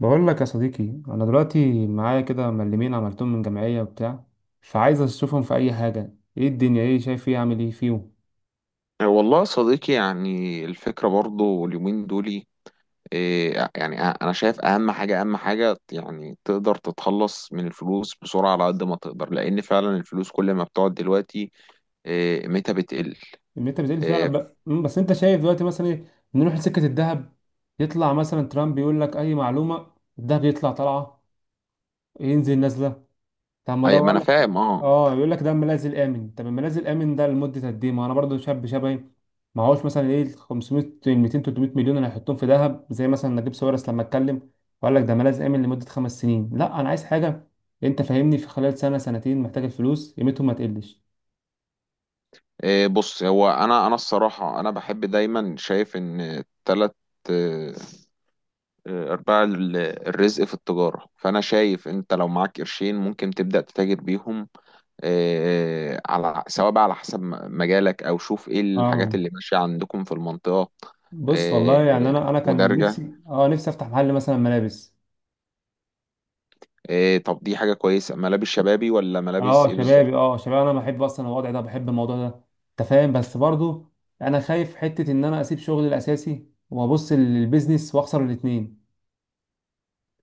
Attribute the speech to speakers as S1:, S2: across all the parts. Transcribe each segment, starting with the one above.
S1: بقول لك يا صديقي، انا دلوقتي معايا كده ملمين عملتهم من جمعيه وبتاع، فعايز اشوفهم في اي حاجه. ايه الدنيا؟ ايه شايف؟ ايه اعمل ايه فيهم؟
S2: والله يا صديقي، يعني الفكرة برضو اليومين دولي. يعني أنا شايف أهم حاجة، يعني تقدر تتخلص من الفلوس بسرعة على قد ما تقدر، لأن فعلا الفلوس كل ما بتقعد دلوقتي قيمتها بتقل.
S1: انت بتقول لي فعلا
S2: إيه،
S1: بقى، بس انت شايف دلوقتي مثلا ايه؟ نروح لسكه الذهب، يطلع مثلا ترامب يقول لك اي معلومه، الذهب يطلع طالعه، ينزل نازله. طب ما ده
S2: أي ما
S1: بقول
S2: أنا
S1: لك.
S2: فاهم، أه.
S1: اه يقول لك ده الملاذ الامن. طب الملاذ الامن ده لمده قد ايه؟ ما انا برضو شاب شبهي، ما هوش مثلا ال 500 ال 200 300 مليون اللي هيحطهم في ذهب زي مثلا نجيب ساويرس لما اتكلم وقال لك ده ملاذ امن لمده 5 سنين. لا انا عايز حاجه، انت فاهمني، في خلال سنه سنتين محتاج الفلوس قيمتهم ما تقلش.
S2: بص، هو أنا الصراحة، أنا بحب دايما، شايف إن تلات إيه، أرباع الرزق في التجارة، فأنا شايف أنت لو معاك قرشين ممكن تبدأ تتاجر بيهم. على سواء بقى، على حسب مجالك، او شوف ايه الحاجات
S1: اه،
S2: اللي ماشيه عندكم في المنطقه.
S1: بص والله، يعني
S2: آه،
S1: انا كان
S2: ودرجه.
S1: نفسي، نفسي افتح محل مثلا ملابس.
S2: طب دي حاجه كويسه، ملابس شبابي ولا ملابس
S1: اه
S2: ايه
S1: شبابي،
S2: بالظبط؟
S1: شبابي، انا بحب اصلا الوضع ده، بحب الموضوع ده. انت فاهم؟ بس برضو انا خايف حته ان انا اسيب شغلي الاساسي وابص للبيزنس واخسر الاثنين.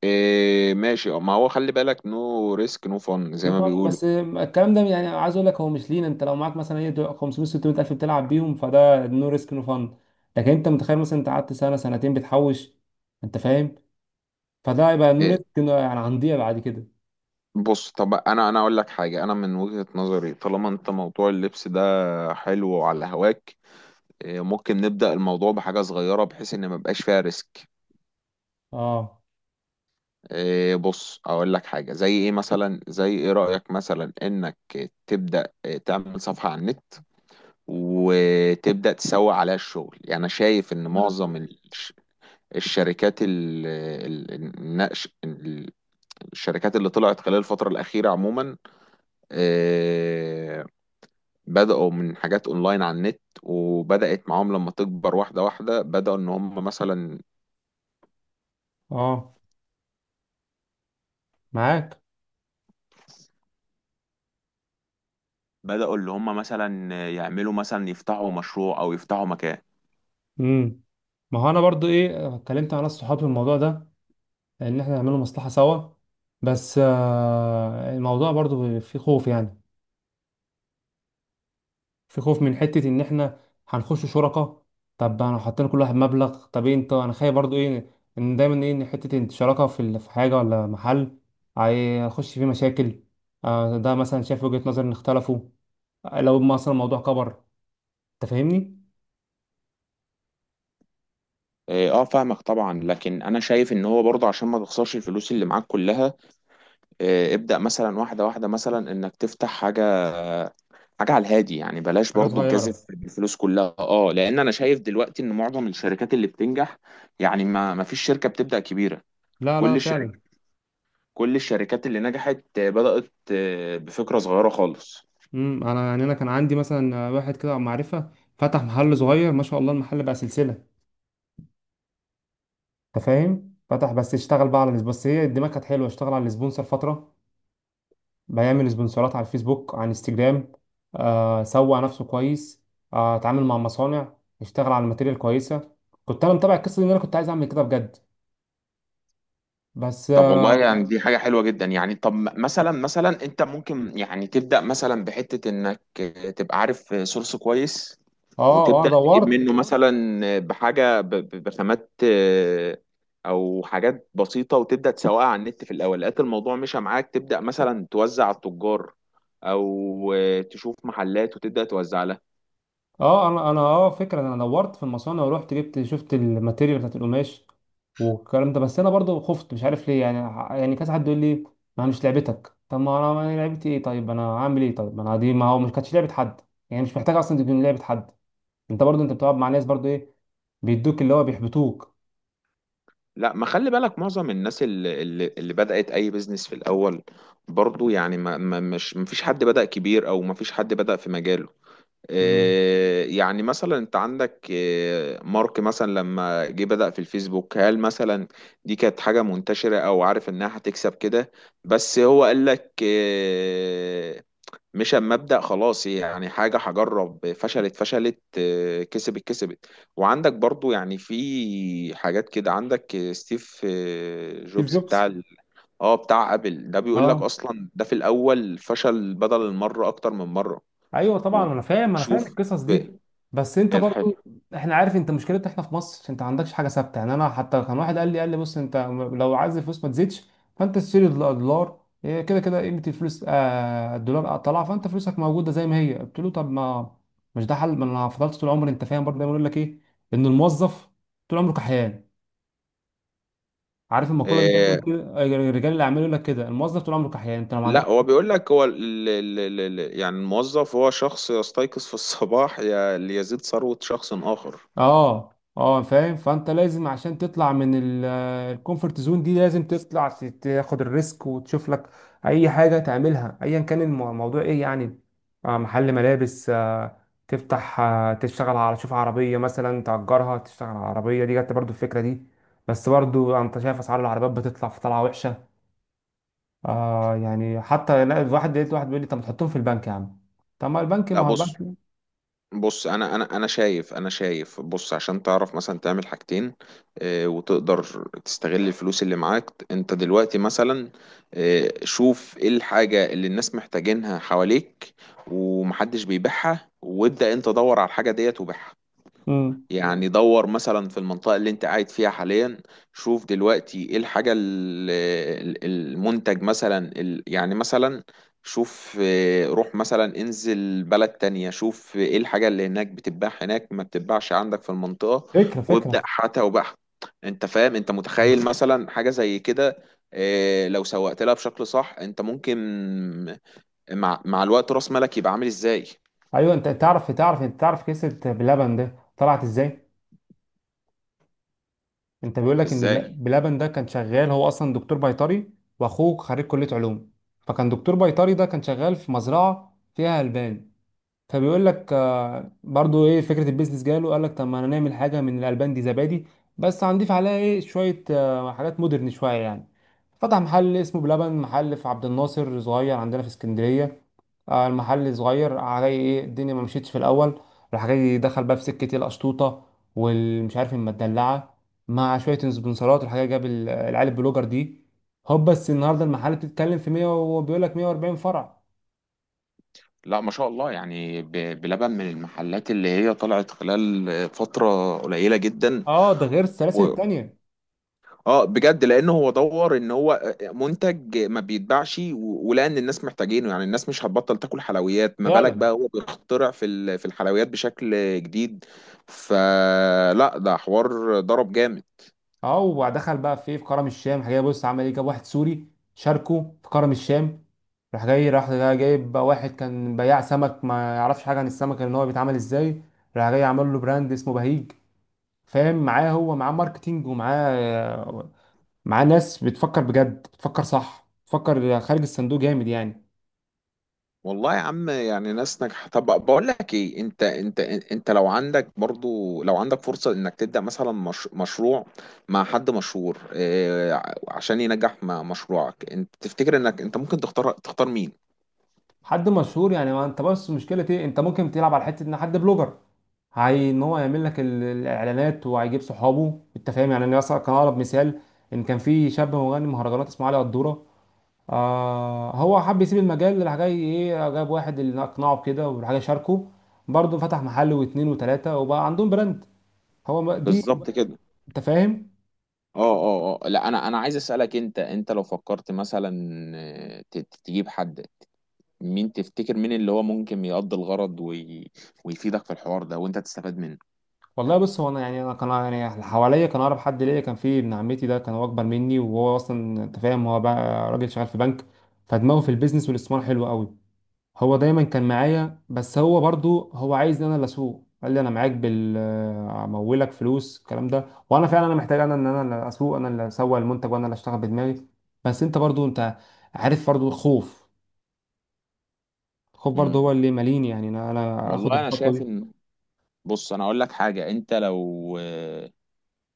S2: ماشي، ما هو خلي بالك، نو ريسك نو فن زي
S1: نو
S2: ما
S1: فن،
S2: بيقولوا.
S1: بس الكلام ده يعني، عايز اقول لك هو مش لينا. انت لو معاك مثلا 500 600 الف بتلعب بيهم فده نو ريسك نو فن. لكن انت متخيل مثلا انت قعدت سنه سنتين بتحوش، انت فاهم؟ فده يبقى نو
S2: آه،
S1: ريسك، يعني هنضيع بعد كده.
S2: بص، طب انا اقول لك حاجه، انا من وجهه نظري طالما انت موضوع اللبس ده حلو وعلى هواك ممكن نبدا الموضوع بحاجه صغيره، بحيث ان ما يبقاش فيها ريسك.
S1: اه،
S2: إيه، بص اقول لك حاجه، زي ايه مثلا، زي ايه رايك مثلا انك تبدا تعمل صفحه على النت وتبدا تسوق عليها الشغل. يعني انا شايف ان معظم الشركات، ال- النقش الشركات اللي طلعت خلال الفتره الاخيره عموما إيه، بداوا من حاجات اونلاين على النت، وبدات معاهم لما تكبر واحده واحده. بداوا ان هم مثلا،
S1: اه، معاك.
S2: بداوا اللي هم مثلا يعملوا مثلا، يفتحوا مشروع او يفتحوا مكان.
S1: امم ما هو انا برضو اتكلمت مع ناس صحابي في الموضوع ده، ان احنا نعمله مصلحة سوا. بس الموضوع برضو في خوف يعني، في خوف من حتة ان احنا هنخش شركة. طب انا حطينا كل واحد مبلغ، طب انت، انا خايف برضو ان دايما ان حتة إن شراكة في حاجة ولا محل هيخش فيه مشاكل. ده مثلا شايف وجهة نظر ان اختلفوا، لو مثلا الموضوع كبر، انت فاهمني؟
S2: اه، فاهمك طبعا، لكن انا شايف ان هو برضه عشان ما تخسرش الفلوس اللي معاك كلها ابدأ مثلا واحدة واحدة، مثلا انك تفتح حاجة، حاجة على الهادي يعني، بلاش
S1: حاجة
S2: برضه
S1: صغيرة.
S2: تجازف بالفلوس كلها، اه، لان انا شايف دلوقتي ان معظم الشركات اللي بتنجح، يعني ما فيش شركة بتبدأ كبيرة.
S1: لا،
S2: كل
S1: لا، فعلا.
S2: الشركة، كل الشركات اللي نجحت بدأت بفكرة صغيرة خالص.
S1: انا يعني، انا كان عندي مثلا واحد كده معرفة، فتح محل صغير، ما شاء الله، المحل بقى سلسلة. انت فاهم؟ فتح بس، اشتغل بقى على، بس هي الدماغ كانت حلوه، اشتغل على السبونسر فتره، بيعمل سبونسرات على الفيسبوك، على انستجرام. آه، سوق نفسه كويس، آه، اتعامل مع مصانع، اشتغل على الماتيريال كويسه. كنت انا متابع القصه دي، ان انا كنت عايز اعمل كده بجد، بس
S2: طب والله
S1: اه،
S2: يعني دي حاجة حلوة جدا، يعني طب مثلا، مثلا انت ممكن يعني تبدأ مثلا بحتة انك تبقى عارف سورس كويس،
S1: اه،
S2: وتبدأ تجيب
S1: دورت.
S2: منه مثلا بحاجة بخامات، او حاجات بسيطة، وتبدأ تسوقها على النت في الاول. لقيت الموضوع مشى معاك، تبدأ مثلا توزع على التجار، او تشوف محلات وتبدأ توزع لها.
S1: اه انا فكره، انا دورت في المصانع ورحت جبت، شفت الماتيريال بتاعت القماش والكلام ده. بس انا برضو خفت، مش عارف ليه يعني، يعني كذا حد يقول لي ما مش لعبتك. طب ما انا، ما هي لعبتي ايه؟ طيب انا هعمل ايه؟ طيب ما انا دي، ما هو مش كانتش لعبه حد يعني، مش محتاج اصلا تكون لعبه حد. انت برضو انت بتقعد مع ناس برضو بيدوك اللي هو بيحبطوك.
S2: لا، ما خلي بالك، معظم الناس اللي بدأت أي بيزنس في الأول برضو، يعني ما فيش حد بدأ كبير، أو ما فيش حد بدأ في مجاله.
S1: مم.
S2: إيه، يعني مثلا أنت عندك إيه مارك مثلا، لما جه بدأ في الفيسبوك، هل مثلا دي كانت حاجة منتشرة أو عارف إنها هتكسب كده؟ بس هو قال لك مش، اما ابدا خلاص يعني حاجه هجرب، فشلت فشلت كسبت كسبت. وعندك برضو يعني في حاجات كده، عندك ستيف
S1: ستيف
S2: جوبز بتاع
S1: جوبز.
S2: اه بتاع ابل، ده بيقول لك
S1: اه،
S2: اصلا ده في الاول فشل بدل المره، اكتر من مره.
S1: ايوه طبعا، انا فاهم، انا فاهم
S2: وشوف
S1: القصص دي. بس انت
S2: الحاجه.
S1: برضو، احنا عارف انت مشكلتنا احنا في مصر، انت ما عندكش حاجه ثابته يعني. انا حتى كان واحد قال لي بص انت لو عايز الفلوس ما تزيدش فانت تشتري دولار. كده كده قيمه الفلوس، آه، الدولار طلع فانت فلوسك موجوده زي ما هي. قلت له طب ما مش ده حل، ما انا فضلت طول عمري. انت فاهم؟ برضه دايما يقول لك ان الموظف طول عمره كحيان، عارف المقوله دي دايما
S2: آه،
S1: كده؟ رجال الاعمال يقول لك كده، الموظف طول عمره كحيان انت لو ما عندكش.
S2: لا، هو بيقول لك هو ال يعني الموظف هو شخص يستيقظ في الصباح ليزيد ثروة شخص آخر.
S1: اه، اه، فاهم. فانت لازم عشان تطلع من الكومفورت زون دي، لازم تطلع، تاخد الريسك وتشوف لك اي حاجه تعملها، ايا كان الموضوع ايه يعني. آه، محل ملابس، آه، تفتح، آه، تشتغل على، تشوف عربيه مثلا تأجرها، تشتغل على عربيه، دي جت برضو الفكره دي. بس برضو انت شايف اسعار العربيات بتطلع في طلعه وحشه. آه، يعني حتى لا، الواحد لقيت واحد بيقول لي طب ما تحطهم في البنك يا عم. طب ما البنك،
S2: لا
S1: ما هو
S2: بص،
S1: البنك.
S2: بص انا شايف، انا شايف، بص عشان تعرف مثلا تعمل حاجتين وتقدر تستغل الفلوس اللي معاك انت دلوقتي، مثلا شوف ايه الحاجة اللي الناس محتاجينها حواليك ومحدش بيبيعها، وابدأ انت دور على الحاجة ديت وبيعها.
S1: مم.
S2: يعني دور مثلا في المنطقة اللي انت قاعد فيها حاليا، شوف دلوقتي ايه الحاجة المنتج مثلا، يعني مثلا شوف، اه روح مثلا، انزل بلد تانية شوف ايه الحاجة اللي هناك بتتباع هناك ما بتتباعش عندك في المنطقة،
S1: فكره،
S2: وابدأ
S1: فكره.
S2: حتى وبحث. انت فاهم؟ انت متخيل مثلا حاجة زي كده، اه، لو سوقت لها بشكل صح انت ممكن مع الوقت راس مالك يبقى عامل ازاي؟
S1: ايوه، انت تعرف، تعرف، انت تعرف قصه بلبن ده طلعت ازاي؟ انت بيقول لك ان
S2: ازاي؟
S1: بلبن ده كان شغال، هو اصلا دكتور بيطري، واخوه خريج كليه علوم. فكان دكتور بيطري ده كان شغال في مزرعه فيها البان. فبيقول لك، آه، برضو فكره البيزنس جاله، قال لك طب ما انا نعمل حاجه من الالبان دي زبادي، بس هنضيف عليها شويه، آه، حاجات مودرن شويه يعني. فتح محل اسمه بلبن، محل في عبد الناصر صغير، عندنا في اسكندريه. آه، المحل صغير علي الدنيا، ما مشيتش في الاول. راح جاي دخل بقى في سكه القشطوطه والمش عارف المدلعه، مع شويه سبونسرات، الحاجه، جاب العيال البلوجر دي. هوب، بس النهارده المحل بتتكلم في 100 وبيقول لك 140 فرع.
S2: لا ما شاء الله، يعني بلبن من المحلات اللي هي طلعت خلال فترة قليلة جدا
S1: اه، ده غير السلاسل
S2: و...
S1: التانيه.
S2: اه بجد، لان هو دور ان هو منتج ما بيتباعش، ولقى ان الناس محتاجينه. يعني الناس مش هتبطل تاكل حلويات، ما بالك بقى
S1: فعلا،
S2: هو بيخترع في في الحلويات بشكل جديد. فلا، ده حوار ضرب جامد.
S1: اه، ودخل بقى في في كرم الشام. راح جاي، بص عمل ايه، جاب واحد سوري شاركه في كرم الشام. راح جاي جايب بقى واحد كان بياع سمك ما يعرفش حاجه عن السمك ان هو بيتعمل ازاي. راح جاي عمل له براند اسمه بهيج. فاهم؟ معاه، هو معاه ماركتينج ومعاه، معاه ناس بتفكر بجد، بتفكر صح، بتفكر خارج الصندوق جامد يعني.
S2: والله يا عم، يعني ناس ناجحة. طب بقول لك ايه، انت لو عندك برضو، لو عندك فرصة انك تبدأ مثلا مش مشروع مع حد مشهور، اه عشان ينجح مع مشروعك، انت تفتكر انك انت ممكن تختار، مين؟
S1: حد مشهور يعني؟ ما انت بس مشكله انت ممكن تلعب على حته ان حد بلوجر، هي ان هو يعمل لك الاعلانات وهيجيب صحابه. انت فاهم يعني؟ انا مثلا كان اقرب مثال، ان كان في شاب مغني مهرجانات اسمه علي قدوره. آه، هو حب يسيب المجال، راح جاي جاب واحد اللي اقنعه بكده، وراح جاي شاركه، برضه فتح محل واتنين وتلاته وبقى عندهم براند. هو دي.
S2: بالظبط كده.
S1: انت فاهم؟
S2: اه لا، انا عايز اسألك، انت لو فكرت مثلا تجيب حد، مين تفتكر، مين اللي هو ممكن يقضي الغرض وي... ويفيدك في الحوار ده وانت تستفاد منه.
S1: والله، بص، هو انا يعني، انا كان يعني اللي حواليا كان اقرب حد ليا كان في ابن عمتي ده. كان هو اكبر مني، وهو اصلا، انت فاهم، هو بقى راجل شغال في بنك، فدماغه في البيزنس والاستثمار حلو قوي. هو دايما كان معايا، بس هو برضو هو عايز ان انا اللي اسوق. قال لي انا معاك بال، امولك فلوس الكلام ده. وانا فعلا انا محتاج، انا ان انا اللي اسوق، انا اللي اسوق المنتج، وانا اللي اشتغل بدماغي. بس انت برضو انت عارف برضو الخوف، الخوف برضو
S2: امم،
S1: هو اللي ماليني يعني انا اخد
S2: والله انا
S1: الخطوه
S2: شايف
S1: دي.
S2: ان، بص انا اقول لك حاجه، انت لو،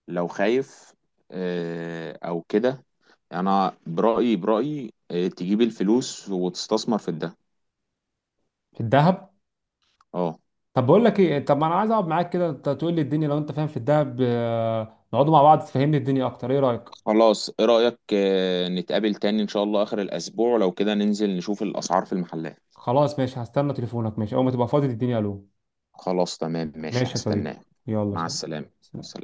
S2: لو خايف او كده، انا برايي، تجيب الفلوس وتستثمر في الدهب.
S1: في الذهب.
S2: اه.
S1: طب بقول لك ايه، طب ما انا عايز اقعد معاك كده، انت تقول لي الدنيا لو انت فاهم في الذهب، آه، نقعدوا مع بعض تفهمني الدنيا اكتر، ايه رايك؟
S2: خلاص، ايه رايك نتقابل تاني ان شاء الله اخر الاسبوع، لو كده ننزل نشوف الاسعار في المحلات.
S1: خلاص ماشي، هستنى تليفونك. ماشي، اول ما تبقى فاضي تديني الو.
S2: خلاص تمام ماشي،
S1: ماشي يا صديقي،
S2: هستناك.
S1: يلا
S2: مع السلامه.
S1: سلام.